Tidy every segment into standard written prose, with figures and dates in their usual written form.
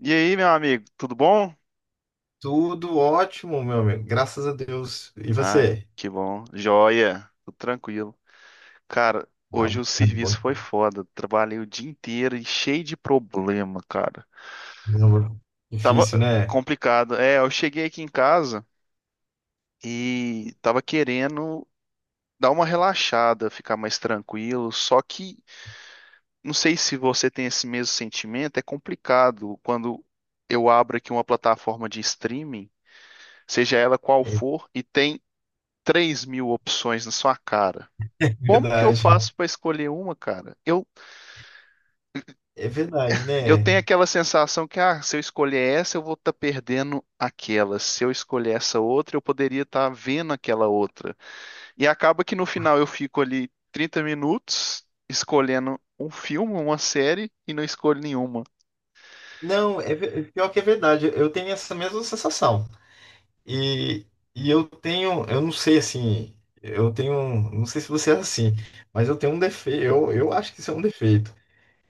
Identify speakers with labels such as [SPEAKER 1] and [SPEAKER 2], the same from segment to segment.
[SPEAKER 1] E aí, meu amigo, tudo bom?
[SPEAKER 2] Tudo ótimo, meu amigo. Graças a Deus. E
[SPEAKER 1] Ah,
[SPEAKER 2] você?
[SPEAKER 1] que bom. Joia, tudo tranquilo. Cara,
[SPEAKER 2] Ah,
[SPEAKER 1] hoje o
[SPEAKER 2] bom.
[SPEAKER 1] serviço foi foda. Trabalhei o dia inteiro e cheio de problema, cara.
[SPEAKER 2] Não.
[SPEAKER 1] Tava
[SPEAKER 2] Difícil, né?
[SPEAKER 1] complicado. É, eu cheguei aqui em casa e tava querendo dar uma relaxada, ficar mais tranquilo. Só que não sei se você tem esse mesmo sentimento, é complicado quando eu abro aqui uma plataforma de streaming, seja ela qual
[SPEAKER 2] É
[SPEAKER 1] for, e tem 3.000 opções na sua cara.
[SPEAKER 2] é
[SPEAKER 1] Como que eu
[SPEAKER 2] verdade.
[SPEAKER 1] faço para escolher uma, cara?
[SPEAKER 2] É verdade,
[SPEAKER 1] Eu tenho
[SPEAKER 2] né?
[SPEAKER 1] aquela sensação que, ah, se eu escolher essa, eu vou estar perdendo aquela. Se eu escolher essa outra, eu poderia estar vendo aquela outra. E acaba que no final eu fico ali 30 minutos escolhendo um filme, uma série e não escolho nenhuma.
[SPEAKER 2] Não, pior que é verdade. Eu tenho essa mesma sensação. E, eu não sei assim, não sei se você é assim, mas eu tenho um defeito. Eu acho que isso é um defeito.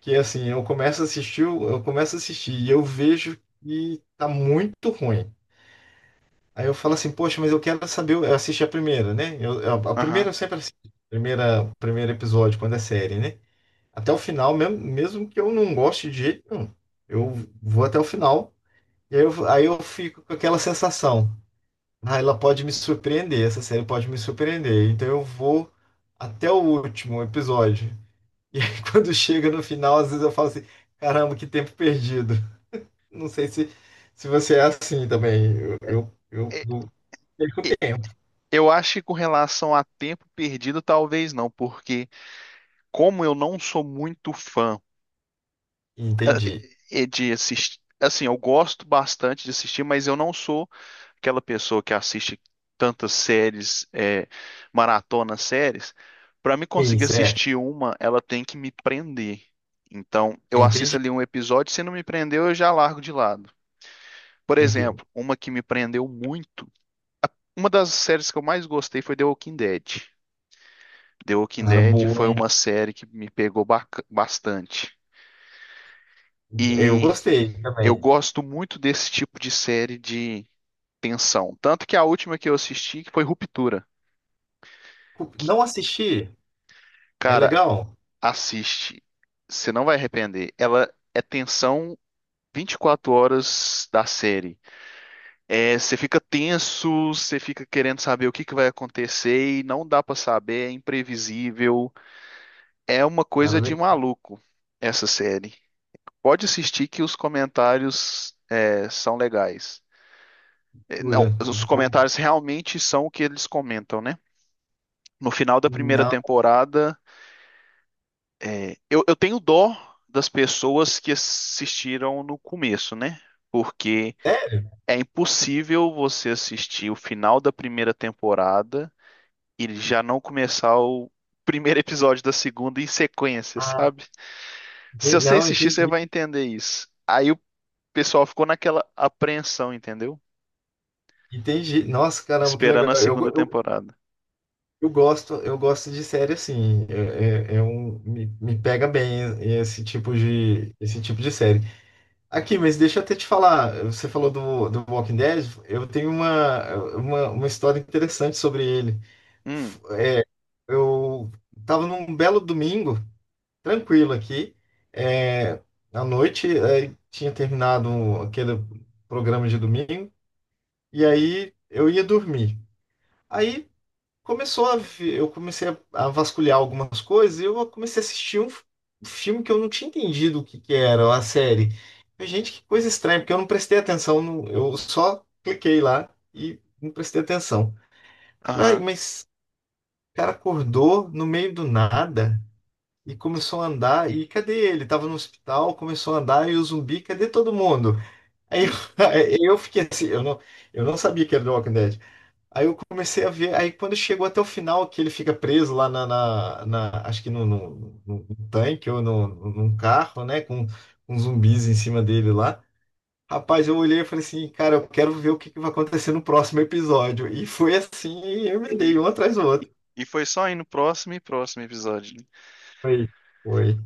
[SPEAKER 2] Que assim, eu começo a assistir e eu vejo que tá muito ruim. Aí eu falo assim, poxa, mas eu quero saber, eu assisti a primeira, né? A
[SPEAKER 1] Aham.
[SPEAKER 2] primeira eu sempre assisto, primeira, primeiro episódio, quando é série, né? Até o final, mesmo, mesmo que eu não goste de jeito nenhum, eu vou até o final, e aí eu fico com aquela sensação, ah, ela pode me surpreender, essa série pode me surpreender, então eu vou até o último episódio. E aí quando chega no final, às vezes eu falo assim, caramba, que tempo perdido. Não sei se, se você é assim também, eu, eu, eu,
[SPEAKER 1] E-
[SPEAKER 2] eu perco tempo.
[SPEAKER 1] Eu acho que com relação a tempo perdido, talvez não, porque como eu não sou muito fã
[SPEAKER 2] Entendi.
[SPEAKER 1] eh, de assistir, assim, eu gosto bastante de assistir, mas eu não sou aquela pessoa que assiste tantas séries, é, maratona séries, para me conseguir
[SPEAKER 2] Isso, é.
[SPEAKER 1] assistir uma, ela tem que me prender. Então, eu assisto
[SPEAKER 2] Entendi.
[SPEAKER 1] ali um episódio, se não me prendeu, eu já largo de lado. Por
[SPEAKER 2] Entendi.
[SPEAKER 1] exemplo, uma que me prendeu muito, uma das séries que eu mais gostei foi The Walking Dead. The Walking
[SPEAKER 2] Cara,
[SPEAKER 1] Dead
[SPEAKER 2] boa,
[SPEAKER 1] foi
[SPEAKER 2] hein?
[SPEAKER 1] uma série que me pegou bastante.
[SPEAKER 2] Eu
[SPEAKER 1] E
[SPEAKER 2] gostei
[SPEAKER 1] eu
[SPEAKER 2] também.
[SPEAKER 1] gosto muito desse tipo de série de tensão. Tanto que a última que eu assisti que foi Ruptura. Que,
[SPEAKER 2] Não assisti? É
[SPEAKER 1] cara,
[SPEAKER 2] legal?
[SPEAKER 1] Assiste. Você não vai arrepender. Ela é tensão 24 horas da série. É, você fica tenso, você fica querendo saber o que que vai acontecer e não dá pra saber, é imprevisível. É uma coisa de
[SPEAKER 2] Cara,
[SPEAKER 1] maluco essa série. Pode assistir que os comentários é, são legais. É, Não,
[SPEAKER 2] leitura. Eu
[SPEAKER 1] os
[SPEAKER 2] vou...
[SPEAKER 1] comentários realmente são o que eles comentam, né? No final da primeira
[SPEAKER 2] Não.
[SPEAKER 1] temporada, É, eu tenho dó das pessoas que assistiram no começo, né? Porque
[SPEAKER 2] É?
[SPEAKER 1] é impossível você assistir o final da primeira temporada e já não começar o primeiro episódio da segunda em sequência,
[SPEAKER 2] Ah,
[SPEAKER 1] sabe? Se você
[SPEAKER 2] não,
[SPEAKER 1] assistir, você
[SPEAKER 2] entendi.
[SPEAKER 1] vai entender isso. Aí o pessoal ficou naquela apreensão, entendeu?
[SPEAKER 2] Entendi. Nossa, caramba, que
[SPEAKER 1] Esperando
[SPEAKER 2] legal.
[SPEAKER 1] a segunda temporada.
[SPEAKER 2] Eu gosto de série assim. É um, me pega bem esse tipo de série. Aqui, mas deixa eu até te falar. Você falou do Walking Dead. Eu tenho uma história interessante sobre ele.
[SPEAKER 1] Hum,
[SPEAKER 2] Eu tava num belo domingo, tranquilo aqui, é, à noite, aí tinha terminado aquele programa de domingo, e aí eu ia dormir. Aí eu comecei a vasculhar algumas coisas e eu comecei a assistir um filme que eu não tinha entendido o que que era, a série. Eu, gente, que coisa estranha, porque eu não prestei atenção, eu só cliquei lá e não prestei atenção. Eu falei: "Ai,
[SPEAKER 1] aham.
[SPEAKER 2] mas o cara acordou no meio do nada, e começou a andar. E cadê ele? Tava no hospital, começou a andar e o zumbi, cadê todo mundo?" Aí eu, aí eu fiquei assim, eu não sabia que era The Walking Dead. Aí eu comecei a ver, aí quando chegou até o final, que ele fica preso lá acho que no tanque ou no, num carro, né, com zumbis em cima dele lá. Rapaz, eu olhei e falei assim, cara, eu quero ver o que que vai acontecer no próximo episódio. E foi assim, eu me
[SPEAKER 1] E,
[SPEAKER 2] dei um atrás do outro.
[SPEAKER 1] e foi só aí no próximo e próximo episódio, né?
[SPEAKER 2] Foi, foi,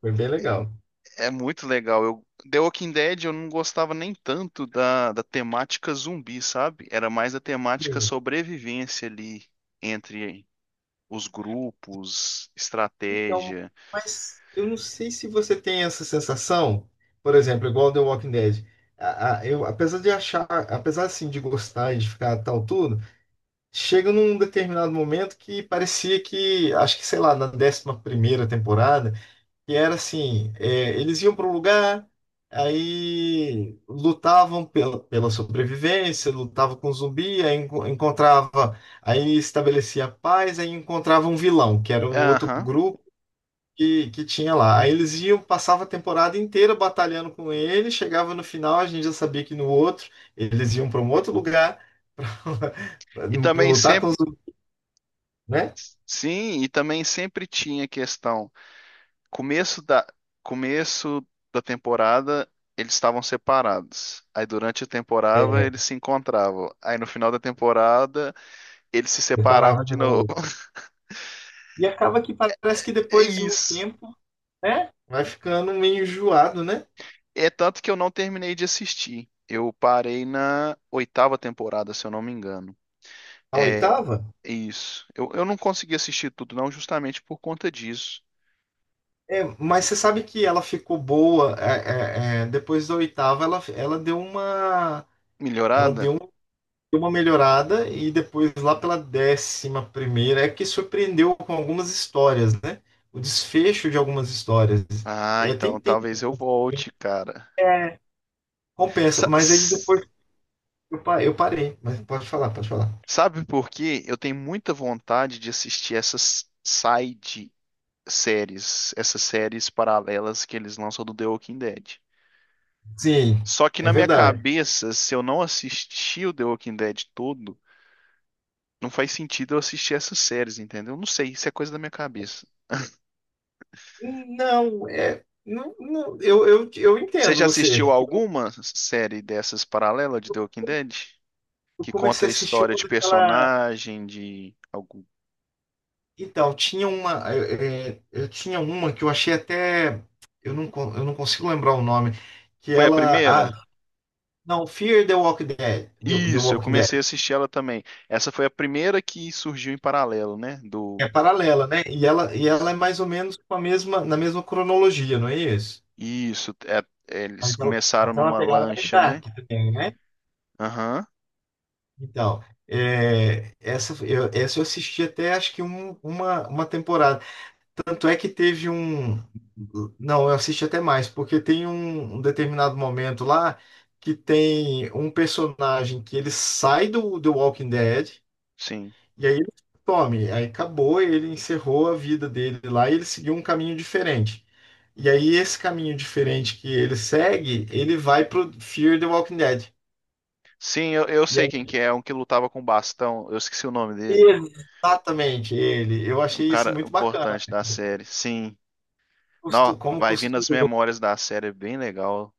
[SPEAKER 2] foi bem legal.
[SPEAKER 1] É muito legal. Eu, The Walking Dead eu não gostava nem tanto da, da temática zumbi, sabe? Era mais a temática sobrevivência ali entre os grupos,
[SPEAKER 2] Então,
[SPEAKER 1] estratégia.
[SPEAKER 2] mas eu não sei se você tem essa sensação, por exemplo, igual The Walking Dead. Eu, apesar de achar, apesar assim de gostar e de ficar tal tudo, chega num determinado momento que parecia que, acho que sei lá, na décima primeira temporada, que era assim, é, eles iam para um lugar, aí lutavam pela, pela sobrevivência, lutavam com zumbi, encontrava, aí estabelecia a paz, aí encontrava um vilão, que era um outro
[SPEAKER 1] Aham.
[SPEAKER 2] grupo que tinha lá. Aí eles iam, passava a temporada inteira batalhando com ele, chegava no final, a gente já sabia que no outro eles iam para um outro lugar
[SPEAKER 1] E também
[SPEAKER 2] lutar com
[SPEAKER 1] sempre,
[SPEAKER 2] os, né?
[SPEAKER 1] sim, e também sempre tinha questão. Começo da, começo da temporada eles estavam separados. Aí durante a temporada
[SPEAKER 2] É,
[SPEAKER 1] eles se encontravam. Aí no final da temporada eles se separavam
[SPEAKER 2] preparava
[SPEAKER 1] de
[SPEAKER 2] de
[SPEAKER 1] novo.
[SPEAKER 2] novo. E acaba que parece que
[SPEAKER 1] É
[SPEAKER 2] depois de um
[SPEAKER 1] isso.
[SPEAKER 2] tempo, né? Vai ficando meio enjoado, né?
[SPEAKER 1] É tanto que eu não terminei de assistir. Eu parei na oitava temporada, se eu não me engano.
[SPEAKER 2] A
[SPEAKER 1] É
[SPEAKER 2] oitava?
[SPEAKER 1] isso. Eu não consegui assistir tudo, não, justamente por conta disso.
[SPEAKER 2] É, mas você sabe que ela ficou boa. É, depois da oitava, ela deu uma. Ela
[SPEAKER 1] Melhorada?
[SPEAKER 2] deu deu uma melhorada e depois lá pela décima primeira é que surpreendeu com algumas histórias, né? O desfecho de algumas histórias.
[SPEAKER 1] Ah, então
[SPEAKER 2] Tem,
[SPEAKER 1] talvez eu volte, cara.
[SPEAKER 2] é, compensa,
[SPEAKER 1] Sa-
[SPEAKER 2] mas aí depois
[SPEAKER 1] s-
[SPEAKER 2] eu parei, mas pode falar, pode falar.
[SPEAKER 1] sabe por quê? Eu tenho muita vontade de assistir essas side séries, essas séries paralelas que eles lançam do The Walking Dead.
[SPEAKER 2] Sim,
[SPEAKER 1] Só que
[SPEAKER 2] é
[SPEAKER 1] na minha
[SPEAKER 2] verdade.
[SPEAKER 1] cabeça, se eu não assistir o The Walking Dead todo Não faz sentido eu assistir essas séries, entendeu? Não sei, isso é coisa da minha cabeça.
[SPEAKER 2] Não, não, eu
[SPEAKER 1] Você
[SPEAKER 2] entendo
[SPEAKER 1] já assistiu
[SPEAKER 2] você.
[SPEAKER 1] alguma série dessas paralela de The Walking Dead?
[SPEAKER 2] Eu
[SPEAKER 1] Que conta
[SPEAKER 2] comecei
[SPEAKER 1] a
[SPEAKER 2] a assistir
[SPEAKER 1] história
[SPEAKER 2] uma
[SPEAKER 1] de
[SPEAKER 2] daquela.
[SPEAKER 1] personagem, de algum.
[SPEAKER 2] Então, tinha uma, eu tinha uma que eu achei até, eu não consigo lembrar o nome, que
[SPEAKER 1] Foi a
[SPEAKER 2] ela...
[SPEAKER 1] primeira?
[SPEAKER 2] Não, Fear the Walking Dead, The
[SPEAKER 1] Isso, eu
[SPEAKER 2] Walking
[SPEAKER 1] comecei a
[SPEAKER 2] Dead
[SPEAKER 1] assistir ela também. Essa foi a primeira que surgiu em paralelo, né? Do.
[SPEAKER 2] é paralela, né? E ela é mais ou menos com a mesma, na mesma cronologia, não é isso?
[SPEAKER 1] Isso, é- eles
[SPEAKER 2] Mas
[SPEAKER 1] começaram
[SPEAKER 2] ela tem uma
[SPEAKER 1] numa
[SPEAKER 2] pegada mais
[SPEAKER 1] lancha, né?
[SPEAKER 2] dark também, né?
[SPEAKER 1] Aham,
[SPEAKER 2] Então, é, essa eu assisti até acho que uma temporada. Tanto é que teve um. Não, eu assisti até mais, porque tem um determinado momento lá que tem um personagem que ele sai do The Walking Dead.
[SPEAKER 1] sim.
[SPEAKER 2] E aí ele some, aí acabou, ele encerrou a vida dele lá e ele seguiu um caminho diferente. E aí esse caminho diferente que ele segue, ele vai pro Fear the Walking Dead.
[SPEAKER 1] Sim, eu
[SPEAKER 2] E
[SPEAKER 1] sei
[SPEAKER 2] aí,
[SPEAKER 1] quem que é, um que lutava com bastão. Eu esqueci o nome dele.
[SPEAKER 2] exatamente ele. Eu
[SPEAKER 1] É um
[SPEAKER 2] achei isso
[SPEAKER 1] cara
[SPEAKER 2] muito bacana.
[SPEAKER 1] importante da série. Sim. Não,
[SPEAKER 2] Como
[SPEAKER 1] vai vindo as
[SPEAKER 2] costurou.
[SPEAKER 1] memórias da série, é bem legal.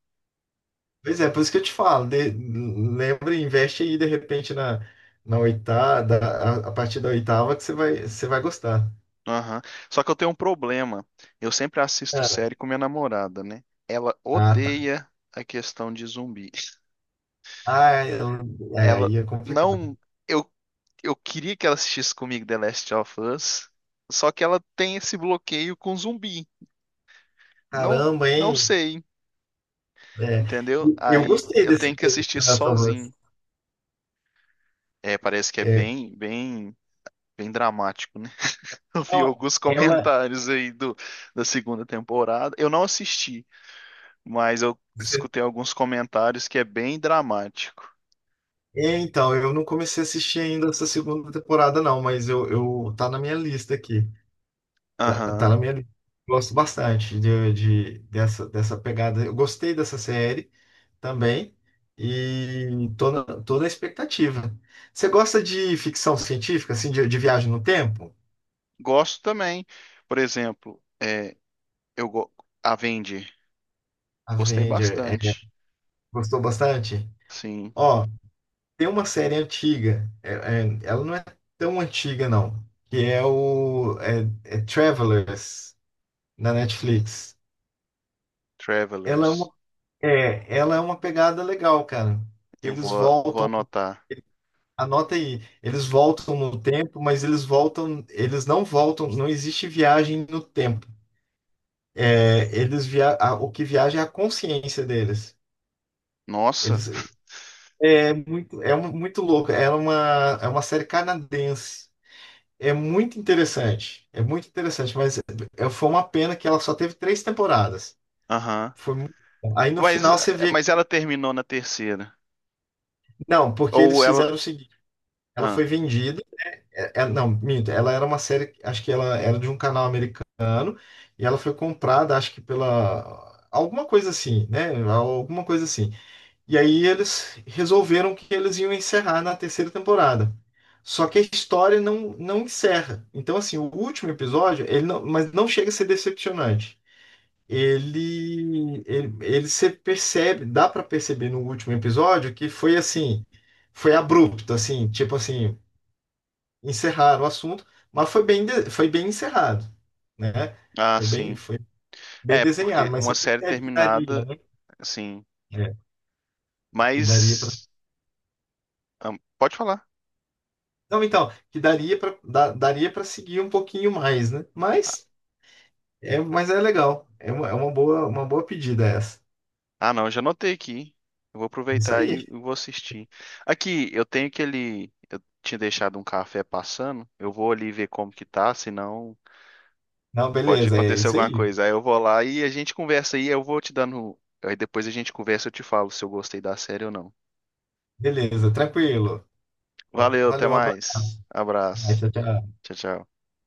[SPEAKER 2] Pois é, por isso que eu te falo. Lembra, investe aí de repente na, na oitava, a partir da oitava que você vai gostar.
[SPEAKER 1] Aham. Só que eu tenho um problema. Eu sempre assisto
[SPEAKER 2] Ah.
[SPEAKER 1] série com minha namorada, né? Ela
[SPEAKER 2] Ah, tá.
[SPEAKER 1] odeia a questão de zumbi.
[SPEAKER 2] É,
[SPEAKER 1] Ela
[SPEAKER 2] aí é complicado.
[SPEAKER 1] não. Eu, eu queria que ela assistisse comigo The Last of Us, só que ela tem esse bloqueio com zumbi. Não,
[SPEAKER 2] Caramba,
[SPEAKER 1] não
[SPEAKER 2] hein?
[SPEAKER 1] sei,
[SPEAKER 2] É,
[SPEAKER 1] entendeu?
[SPEAKER 2] e eu
[SPEAKER 1] Aí
[SPEAKER 2] gostei
[SPEAKER 1] eu tenho
[SPEAKER 2] dessa
[SPEAKER 1] que assistir
[SPEAKER 2] relação.
[SPEAKER 1] sozinho. É, parece que é
[SPEAKER 2] É,
[SPEAKER 1] bem, bem, bem dramático, né? Eu vi
[SPEAKER 2] não,
[SPEAKER 1] alguns
[SPEAKER 2] ela...
[SPEAKER 1] comentários aí do, da segunda temporada. Eu não assisti, mas eu
[SPEAKER 2] se-
[SPEAKER 1] escutei alguns comentários que é bem dramático.
[SPEAKER 2] É, então, eu não comecei a assistir ainda essa segunda temporada, não, mas eu tá na minha lista aqui. Tá
[SPEAKER 1] Aham.
[SPEAKER 2] na minha lista. Gosto bastante de, dessa, dessa pegada. Eu gostei dessa série também e tô na expectativa. Você gosta de ficção científica, assim, de viagem no tempo?
[SPEAKER 1] Gosto também. Por exemplo, é, eu go Avenger. Gostei
[SPEAKER 2] Avenger, é,
[SPEAKER 1] bastante.
[SPEAKER 2] gostou bastante?
[SPEAKER 1] Sim.
[SPEAKER 2] Ó, tem uma série antiga, ela não é tão antiga, não, que é o é, é Travelers, na Netflix. Ela é
[SPEAKER 1] Travelers.
[SPEAKER 2] uma, é, ela é uma pegada legal, cara. Eles
[SPEAKER 1] Vou
[SPEAKER 2] voltam,
[SPEAKER 1] anotar.
[SPEAKER 2] anota aí, eles voltam no tempo, mas eles voltam, eles não voltam, não existe viagem no tempo. É, o que viaja é a consciência deles.
[SPEAKER 1] Nossa.
[SPEAKER 2] Eles, é muito, muito louco. É uma série canadense. É muito interessante, mas foi uma pena que ela só teve três temporadas.
[SPEAKER 1] Aham.
[SPEAKER 2] Foi muito... bom. Aí no
[SPEAKER 1] Mas,
[SPEAKER 2] final você vê,
[SPEAKER 1] mas
[SPEAKER 2] que...
[SPEAKER 1] ela terminou na terceira.
[SPEAKER 2] não, porque
[SPEAKER 1] Ou
[SPEAKER 2] eles
[SPEAKER 1] ela.
[SPEAKER 2] fizeram o seguinte, ela foi
[SPEAKER 1] Ah,
[SPEAKER 2] vendida, não, minto, ela era uma série, acho que ela era de um canal americano, e ela foi comprada, acho que pela, alguma coisa assim, né, alguma coisa assim. E aí eles resolveram que eles iam encerrar na terceira temporada. Só que a história não, não encerra. Então, assim, o último episódio, ele não, mas não chega a ser decepcionante. Ele se percebe, dá para perceber no último episódio que foi assim, foi abrupto, assim, tipo assim, encerraram o assunto, mas foi bem, foi bem encerrado, né?
[SPEAKER 1] ah, sim.
[SPEAKER 2] Foi bem
[SPEAKER 1] É,
[SPEAKER 2] desenhado,
[SPEAKER 1] porque
[SPEAKER 2] mas
[SPEAKER 1] uma
[SPEAKER 2] você
[SPEAKER 1] série
[SPEAKER 2] percebe que daria,
[SPEAKER 1] terminada,
[SPEAKER 2] né?
[SPEAKER 1] assim.
[SPEAKER 2] É, que daria...
[SPEAKER 1] Mas. Ah, pode falar.
[SPEAKER 2] Não, então, que daria para daria para seguir um pouquinho mais, né? Mas é legal. É uma boa pedida essa.
[SPEAKER 1] Ah, não, eu já anotei aqui. Eu vou
[SPEAKER 2] Isso
[SPEAKER 1] aproveitar
[SPEAKER 2] aí.
[SPEAKER 1] e vou assistir. Aqui, eu tenho aquele. Eu tinha deixado um café passando. Eu vou ali ver como que tá, senão
[SPEAKER 2] Não,
[SPEAKER 1] pode
[SPEAKER 2] beleza, é
[SPEAKER 1] acontecer
[SPEAKER 2] isso
[SPEAKER 1] alguma
[SPEAKER 2] aí.
[SPEAKER 1] coisa. Aí eu vou lá e a gente conversa aí. Eu vou te dando. Aí depois a gente conversa e eu te falo se eu gostei da série ou não.
[SPEAKER 2] Beleza, tranquilo. Ó,
[SPEAKER 1] Valeu, até
[SPEAKER 2] valeu, um abraço.
[SPEAKER 1] mais. Abraço.
[SPEAKER 2] Tchau, tchau.
[SPEAKER 1] Tchau, tchau.